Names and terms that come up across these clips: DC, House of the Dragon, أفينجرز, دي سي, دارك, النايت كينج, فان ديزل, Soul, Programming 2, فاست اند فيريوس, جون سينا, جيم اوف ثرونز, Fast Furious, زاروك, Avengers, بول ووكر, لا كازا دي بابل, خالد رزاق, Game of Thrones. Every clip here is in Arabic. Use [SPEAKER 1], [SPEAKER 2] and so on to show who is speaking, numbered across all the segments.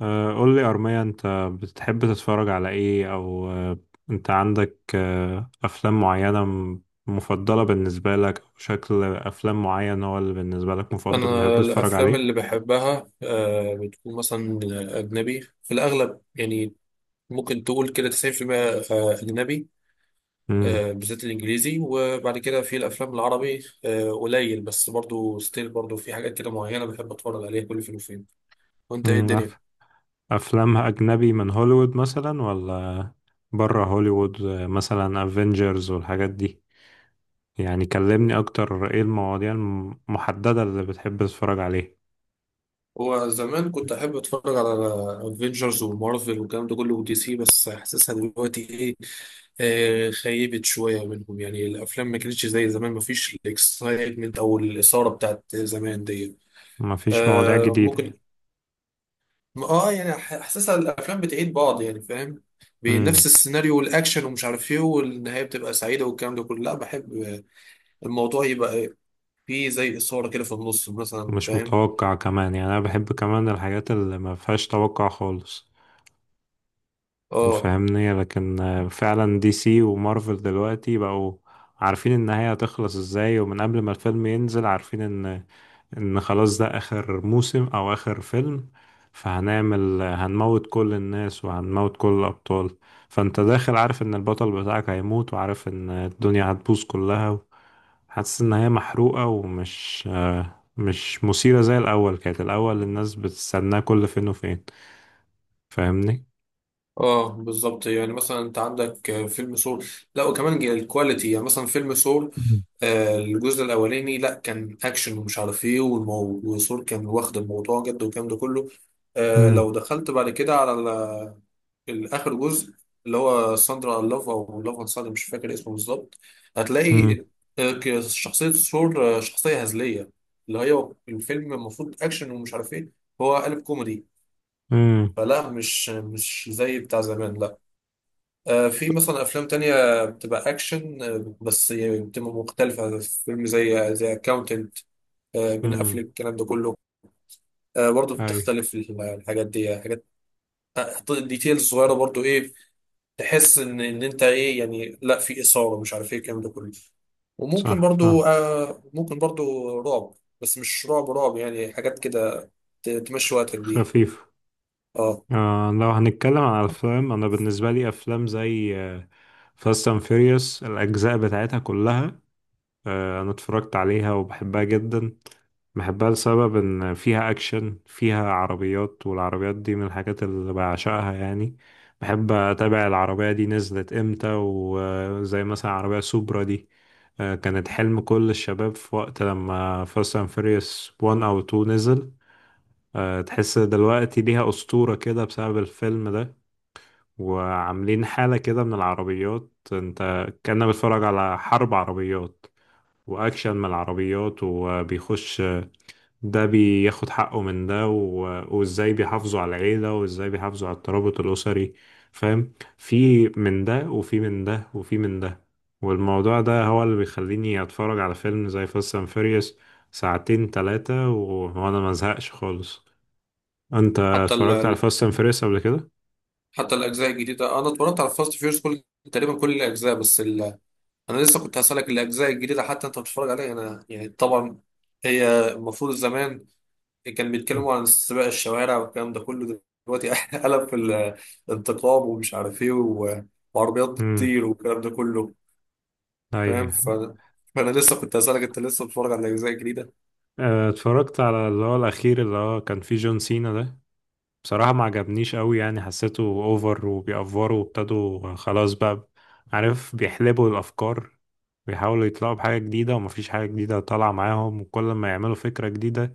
[SPEAKER 1] قول لي أرمية أنت بتحب تتفرج على إيه أو أنت عندك أفلام معينة مفضلة بالنسبة لك أو شكل أفلام معين هو اللي بالنسبة لك مفضل بتحب
[SPEAKER 2] أنا
[SPEAKER 1] تتفرج
[SPEAKER 2] الأفلام
[SPEAKER 1] عليه؟
[SPEAKER 2] اللي بحبها بتكون مثلا أجنبي في الأغلب يعني ممكن تقول كده 90%. أجنبي
[SPEAKER 1] مم.
[SPEAKER 2] بالذات الإنجليزي وبعد كده في الأفلام العربي قليل، بس برضو ستيل برضو في حاجات كده معينة بحب أتفرج عليها كل فين وفين. وأنت إيه
[SPEAKER 1] مم.
[SPEAKER 2] الدنيا؟
[SPEAKER 1] أف- أفلام أجنبي من هوليوود مثلا ولا برا هوليوود مثلا أفينجرز والحاجات دي. يعني كلمني أكتر إيه المواضيع المحددة اللي بتحب تتفرج عليها.
[SPEAKER 2] هو زمان كنت احب اتفرج على افنجرز ومارفل والكلام ده كله ودي سي، بس حاسسها دلوقتي ايه، آه خيبت شويه منهم. يعني الافلام ما كانتش زي زمان، ما فيش الاكسايتمنت او الاثاره بتاعت زمان دي.
[SPEAKER 1] مفيش مواضيع
[SPEAKER 2] آه
[SPEAKER 1] جديدة
[SPEAKER 2] ممكن.
[SPEAKER 1] يعني.
[SPEAKER 2] اه يعني حاسسها الافلام بتعيد بعض، يعني فاهم،
[SPEAKER 1] مم.
[SPEAKER 2] بنفس السيناريو والاكشن ومش عارف ايه، والنهايه بتبقى سعيده والكلام ده كله، لا بحب الموضوع يبقى إيه، فيه زي اثاره كده في النص مثلا،
[SPEAKER 1] مش
[SPEAKER 2] فاهم.
[SPEAKER 1] متوقع كمان، يعني انا بحب كمان الحاجات اللي ما فيهاش توقع خالص.
[SPEAKER 2] اه.
[SPEAKER 1] فاهمني؟ لكن فعلا دي سي ومارفل دلوقتي بقوا عارفين النهاية هتخلص ازاي، ومن قبل ما الفيلم ينزل عارفين ان خلاص ده اخر موسم او اخر فيلم. هنموت كل الناس وهنموت كل الابطال. فانت داخل عارف ان البطل بتاعك هيموت، وعارف ان الدنيا هتبوظ كلها. حاسس ان هي محروقة ومش مش مثيرة زي الاول. كانت الاول الناس بتستناه كل فين وفين، فاهمني؟
[SPEAKER 2] اه بالظبط. يعني مثلا انت عندك فيلم سول، لا وكمان الكواليتي. يعني مثلا فيلم سول،
[SPEAKER 1] مم.
[SPEAKER 2] الجزء الاولاني لا كان اكشن ومش عارف ايه وسول كان واخد الموضوع جد والكلام ده كله.
[SPEAKER 1] امم
[SPEAKER 2] لو دخلت بعد كده على الاخر جزء اللي هو ساندرا لاف او لاف اند ساندرا، مش فاكر اسمه بالظبط،
[SPEAKER 1] امم
[SPEAKER 2] هتلاقي شخصية سول شخصية هزلية، اللي هي الفيلم المفروض اكشن ومش عارف ايه، هو قالب كوميدي.
[SPEAKER 1] امم
[SPEAKER 2] فلا، مش زي بتاع زمان، لا. في مثلا افلام تانية بتبقى اكشن، بس يعني بتبقى مختلفة، فيلم زي اكاونتنت، بين
[SPEAKER 1] امم
[SPEAKER 2] افلك، الكلام ده كله. برضه
[SPEAKER 1] اي.
[SPEAKER 2] بتختلف الحاجات دي، حاجات ديتيلز صغيرة برضه ايه، تحس ان انت ايه، يعني لا في اثارة مش عارف ايه الكلام ده كله. وممكن
[SPEAKER 1] صح، فاهم.
[SPEAKER 2] برضه، ممكن برضه رعب، بس مش رعب رعب، يعني حاجات كده تمشي وقتك بيها.
[SPEAKER 1] خفيف.
[SPEAKER 2] اه.
[SPEAKER 1] آه، لو هنتكلم عن الافلام انا بالنسبة لي افلام زي فاست اند فيريوس الاجزاء بتاعتها كلها، انا اتفرجت عليها وبحبها جدا. بحبها لسبب ان فيها اكشن، فيها عربيات، والعربيات دي من الحاجات اللي بعشقها يعني. بحب اتابع العربية دي نزلت امتى، وزي مثلا عربية سوبرا دي كانت حلم كل الشباب في وقت لما فاست اند فيريوس 1 او 2 نزل. تحس دلوقتي ليها أسطورة كده بسبب الفيلم ده. وعاملين حالة كده من العربيات، انت كأنك بتتفرج على حرب عربيات واكشن من العربيات، وبيخش ده بياخد حقه من ده و... وازاي بيحافظوا على العيلة وازاي بيحافظوا على الترابط الأسري. فاهم، في من ده وفي من ده وفي من ده. والموضوع ده هو اللي بيخليني اتفرج على فيلم زي فاست اند فيريوس ساعتين ثلاثة وانا ما زهقش خالص. انت
[SPEAKER 2] حتى
[SPEAKER 1] اتفرجت على فاست اند فيريوس قبل كده؟
[SPEAKER 2] حتى الاجزاء الجديدة، انا اتفرجت على فاست فيورس، كل تقريبا كل الاجزاء. بس انا لسه كنت هسألك الاجزاء الجديده حتى انت بتتفرج عليها. انا يعني طبعا، هي المفروض زمان كان بيتكلموا عن سباق الشوارع والكلام ده كله، دلوقتي قلب في الانتقام ومش عارف ايه وعربيات
[SPEAKER 1] امم.
[SPEAKER 2] بتطير والكلام ده كله.
[SPEAKER 1] اي.
[SPEAKER 2] فاهم، فانا لسه كنت هسألك انت لسه بتتفرج على الاجزاء الجديده.
[SPEAKER 1] اتفرجت على اللي هو الاخير اللي هو كان فيه جون سينا ده. بصراحة ما عجبنيش قوي، يعني حسيته اوفر وبيأفوروا وابتدوا خلاص بقى، عارف، بيحلبوا الأفكار. بيحاولوا يطلعوا بحاجة جديدة ومفيش حاجة جديدة طالعة معاهم، وكل ما يعملوا فكرة جديدة،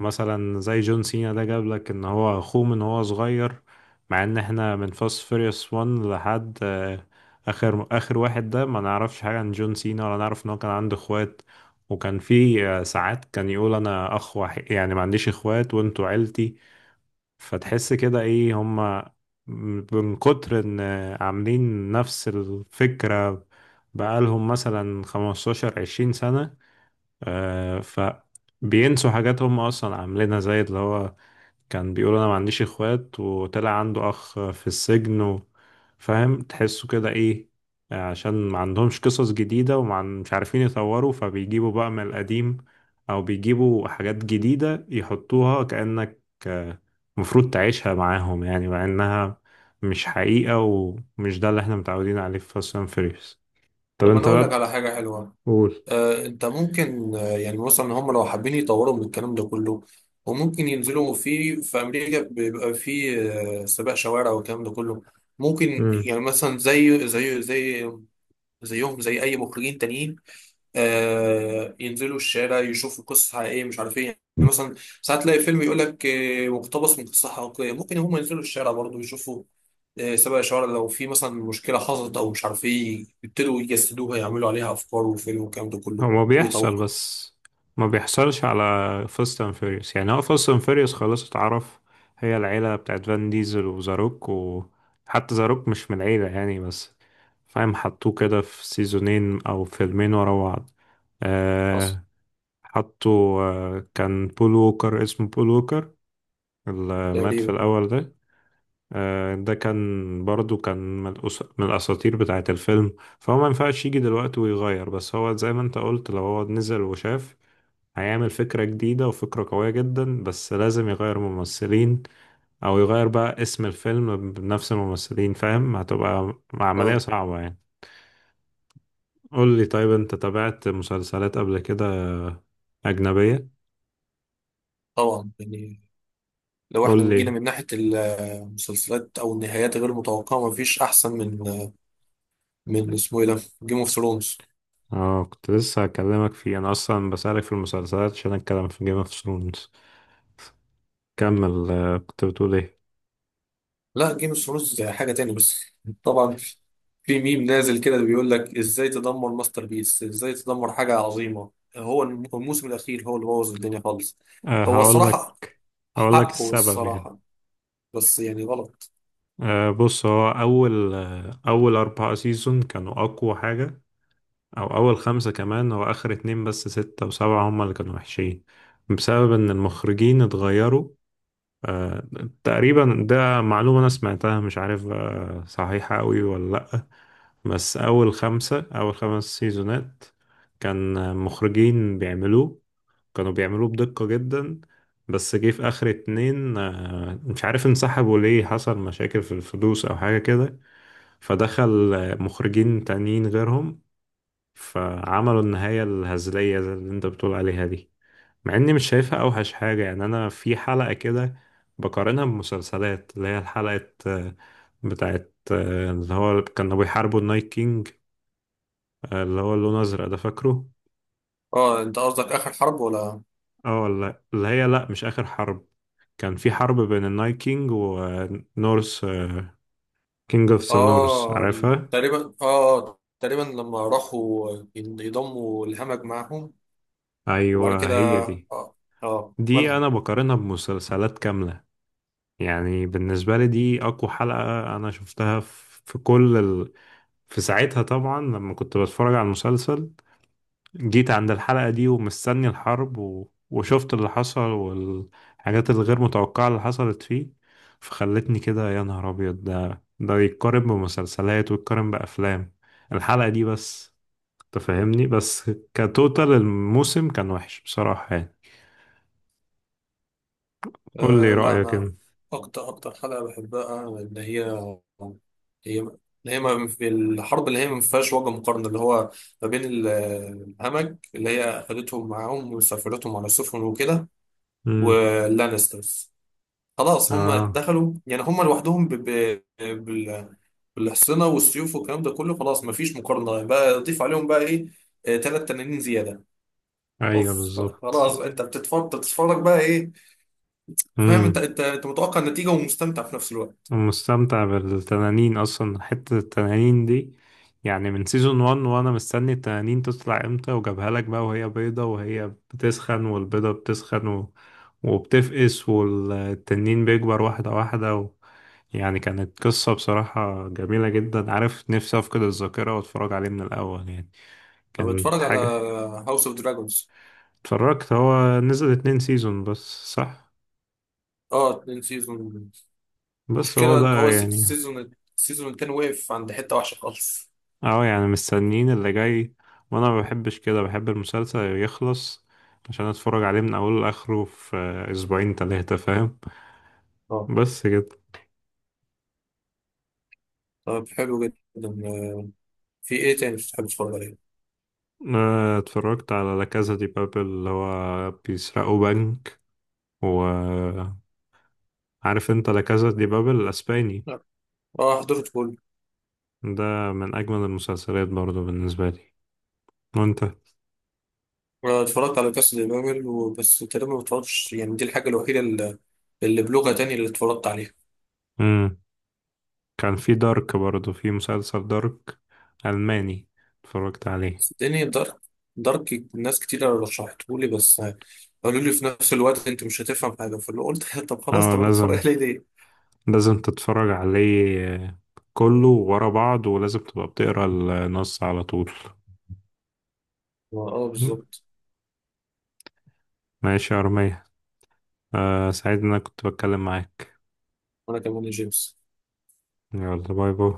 [SPEAKER 1] مثلا زي جون سينا ده، جاب لك ان هو اخوه من هو صغير. مع ان احنا من فاست فيريوس 1 لحد اخر واحد ده ما نعرفش حاجة عن جون سينا ولا نعرف ان هو كان عنده اخوات. وكان في ساعات كان يقول انا اخ وحيد، يعني ما عنديش اخوات وانتوا عيلتي. فتحس كده ايه هما، من كتر ان عاملين نفس الفكرة بقالهم مثلا 15 20 سنة، آه فبينسوا حاجات هم اصلا عاملينها، زي اللي هو كان بيقول انا ما عنديش اخوات وطلع عنده اخ في السجن فاهم تحسوا كده ايه. عشان ما عندهمش قصص جديدة مش عارفين يطوروا، فبيجيبوا بقى من القديم، او بيجيبوا حاجات جديدة يحطوها كأنك المفروض تعيشها معاهم، يعني مع انها مش حقيقة ومش ده اللي احنا متعودين عليه في فاست اند فيريوس. طب
[SPEAKER 2] طب انا
[SPEAKER 1] انت
[SPEAKER 2] اقول
[SPEAKER 1] بقى،
[SPEAKER 2] لك على حاجه حلوه.
[SPEAKER 1] بتقول؟
[SPEAKER 2] انت ممكن، يعني مثلا هم لو حابين يطوروا من الكلام ده كله، وممكن ينزلوا في امريكا بيبقى في سباق شوارع والكلام ده كله. ممكن
[SPEAKER 1] امم.
[SPEAKER 2] يعني مثلا زي زيهم زي اي مخرجين تانيين، ينزلوا الشارع يشوفوا قصص حقيقية مش عارف ايه. يعني مثلا ساعات تلاقي فيلم يقول لك مقتبس من قصة حقيقية، ممكن هم ينزلوا الشارع برضه يشوفوا سبق شوارع، لو في مثلا مشكلة حصلت أو مش عارف ايه يبتدوا يجسدوها، يعملوا عليها أفكار وفيلم والكلام ده كله
[SPEAKER 1] هو ما بيحصل
[SPEAKER 2] ويطوروا.
[SPEAKER 1] بس، ما بيحصلش على فاست اند فيريوس. يعني هو فاست اند فيريوس خلاص اتعرف، هي العيلة بتاعت فان ديزل وزاروك، وحتى زاروك مش من العيلة يعني، بس فاهم حطوه كده في سيزونين او فيلمين ورا بعض. آه، حطوا آه كان بول ووكر، اسمه بول ووكر، اللي مات في
[SPEAKER 2] تقريبا.
[SPEAKER 1] الأول ده، ده كان برضو كان من الأساطير بتاعة الفيلم. فهو ما ينفعش يجي دلوقتي ويغير، بس هو زي ما انت قلت لو هو نزل وشاف هيعمل فكرة جديدة وفكرة قوية جدا، بس لازم يغير ممثلين أو يغير بقى اسم الفيلم بنفس الممثلين. فاهم، هتبقى عملية
[SPEAKER 2] اه
[SPEAKER 1] صعبة يعني. قول لي، طيب انت تابعت مسلسلات قبل كده؟ أجنبية.
[SPEAKER 2] طبعا. يعني لو
[SPEAKER 1] قول
[SPEAKER 2] احنا جينا
[SPEAKER 1] لي.
[SPEAKER 2] من ناحية المسلسلات أو النهايات غير متوقعة، مفيش أحسن من من اسمه ايه ده، جيم اوف ثرونز.
[SPEAKER 1] اه كنت لسه هكلمك فيه، انا اصلا بسألك في المسلسلات عشان اتكلم في جيم اوف ثرونز. كمل كنت بتقول ايه؟
[SPEAKER 2] لا جيم اوف ثرونز حاجه تاني، بس طبعا في ميم نازل كده بيقول لك ازاي تدمر ماستر بيس، ازاي تدمر حاجه عظيمه. هو الموسم الاخير هو اللي بوظ الدنيا خالص.
[SPEAKER 1] أه
[SPEAKER 2] هو
[SPEAKER 1] هقول
[SPEAKER 2] الصراحه
[SPEAKER 1] لك، هقول لك
[SPEAKER 2] حقه
[SPEAKER 1] السبب يعني.
[SPEAKER 2] الصراحه، بس يعني غلط.
[SPEAKER 1] أه، بص هو اول اول اربعة سيزون كانوا اقوى حاجة، او اول خمسة كمان. هو اخر اتنين بس ستة وسبعة هما اللي كانوا وحشين، بسبب ان المخرجين اتغيروا. أه تقريبا، ده معلومة انا سمعتها مش عارف أه صحيحة قوي ولا لا. بس اول خمسة، اول خمس سيزونات كان مخرجين بيعملوه، كانوا بيعملوه بدقة جدا. بس جه في آخر اتنين مش عارف انسحبوا ليه، حصل مشاكل في الفلوس أو حاجة كده. فدخل مخرجين تانيين غيرهم، فعملوا النهاية الهزلية زي اللي انت بتقول عليها دي. مع اني مش شايفها أوحش حاجة، يعني أنا في حلقة كده بقارنها بمسلسلات، اللي هي الحلقة بتاعت اللي هو كانوا بيحاربوا النايت كينج، اللي هو اللون أزرق ده، فاكره؟
[SPEAKER 2] اه انت قصدك اخر حرب ولا؟
[SPEAKER 1] اه، لا اللي هي لا، مش آخر حرب. كان في حرب بين النايت كينج ونورس كينج اوف ذا نورس،
[SPEAKER 2] اه
[SPEAKER 1] عارفها؟
[SPEAKER 2] تقريبا، اه تقريبا لما راحوا يضموا الهمج معاهم وبعد
[SPEAKER 1] ايوه
[SPEAKER 2] كده.
[SPEAKER 1] هي دي.
[SPEAKER 2] اه. اه
[SPEAKER 1] دي
[SPEAKER 2] مالها.
[SPEAKER 1] انا بقارنها بمسلسلات كاملة، يعني بالنسبة لي دي اقوى حلقة انا شفتها في في كل ال... في ساعتها طبعا لما كنت بتفرج على المسلسل، جيت عند الحلقة دي ومستني الحرب و... وشفت اللي حصل والحاجات الغير متوقعة اللي حصلت فيه، فخلتني كده يا نهار أبيض، ده ده يتقارن بمسلسلات ويتقارن بأفلام الحلقة دي بس. تفهمني، بس كتوتال الموسم كان وحش بصراحة يعني. قول
[SPEAKER 2] أه
[SPEAKER 1] لي
[SPEAKER 2] لا
[SPEAKER 1] رأيك
[SPEAKER 2] أنا،
[SPEAKER 1] انت.
[SPEAKER 2] أكتر حلقة بحبها اللي هي، هي اللي هي ما في الحرب اللي هي ما فيهاش وجه مقارنة، اللي هو ما بين الهمج اللي هي أخدتهم معاهم وسافرتهم على السفن وكده،
[SPEAKER 1] امم.
[SPEAKER 2] واللانسترز. خلاص هم
[SPEAKER 1] اه.
[SPEAKER 2] دخلوا، يعني هم لوحدهم بالحصنة والسيوف والكلام ده كله، خلاص ما فيش مقارنة بقى، ضيف عليهم بقى إيه، تلات تنانين زيادة.
[SPEAKER 1] ايوه
[SPEAKER 2] أوف،
[SPEAKER 1] بالظبط.
[SPEAKER 2] خلاص أنت بتتفرج بقى إيه. فاهم، أنت متوقع النتيجة ومستمتع في نفس الوقت.
[SPEAKER 1] مستمتع بالتنانين اصلا، حتة التنانين دي يعني من سيزون 1 وانا مستني التنانين تطلع امتى. وجابها لك بقى وهي بيضة، وهي بتسخن والبيضة بتسخن و... وبتفقس والتنين بيكبر واحدة واحدة و... يعني كانت قصة بصراحة جميلة جدا. عارف نفسي افقد الذاكرة واتفرج عليه من الاول يعني،
[SPEAKER 2] طب
[SPEAKER 1] كانت
[SPEAKER 2] اتفرج على
[SPEAKER 1] حاجة.
[SPEAKER 2] هاوس اوف دراجونز.
[SPEAKER 1] اتفرجت. هو نزل اتنين سيزون بس، صح؟
[SPEAKER 2] اه اتنين سيزون،
[SPEAKER 1] بس هو
[SPEAKER 2] مشكلة ان هو
[SPEAKER 1] ده يعني.
[SPEAKER 2] السيزون، السيزون التاني وقف عند حتة وحشة خالص.
[SPEAKER 1] اه يعني مستنيين اللي جاي، وانا ما بحبش كده، بحب المسلسل يخلص عشان اتفرج عليه من اوله لاخره في اسبوعين تلاتة، فاهم؟
[SPEAKER 2] اه.
[SPEAKER 1] بس كده.
[SPEAKER 2] طب حلو جدا. آه، في ايه تاني بتحب تتفرج عليه؟
[SPEAKER 1] اتفرجت على لا كازا دي بابل، اللي هو بيسرقوا بنك، وعارف. انت لا كازا دي بابل الاسباني
[SPEAKER 2] لا. اه حضرت كله.
[SPEAKER 1] ده من اجمل المسلسلات برضو بالنسبة لي. وانت؟
[SPEAKER 2] اتفرجت على كاس البابل وبس تقريبا، ما اتفرجتش، يعني دي الحاجة الوحيدة اللي بلغة تانية اللي اتفرجت عليها.
[SPEAKER 1] مم. كان في دارك برضو، في مسلسل دارك الماني، اتفرجت عليه.
[SPEAKER 2] صدقني دارك ناس كتير رشحتهولي، بس قالوا لي في نفس الوقت انت مش هتفهم حاجة، فاللي قلت طب خلاص،
[SPEAKER 1] اه
[SPEAKER 2] طب انا اتفرج
[SPEAKER 1] لازم،
[SPEAKER 2] عليه ليه؟
[SPEAKER 1] لازم تتفرج عليه كله ورا بعض، ولازم تبقى بتقرا النص على طول.
[SPEAKER 2] اه بالظبط.
[SPEAKER 1] ماشي يا أرمية، آه سعيد إن أنا كنت بتكلم معاك.
[SPEAKER 2] وانا كمان يا جيمس.
[SPEAKER 1] يلا، باي باي.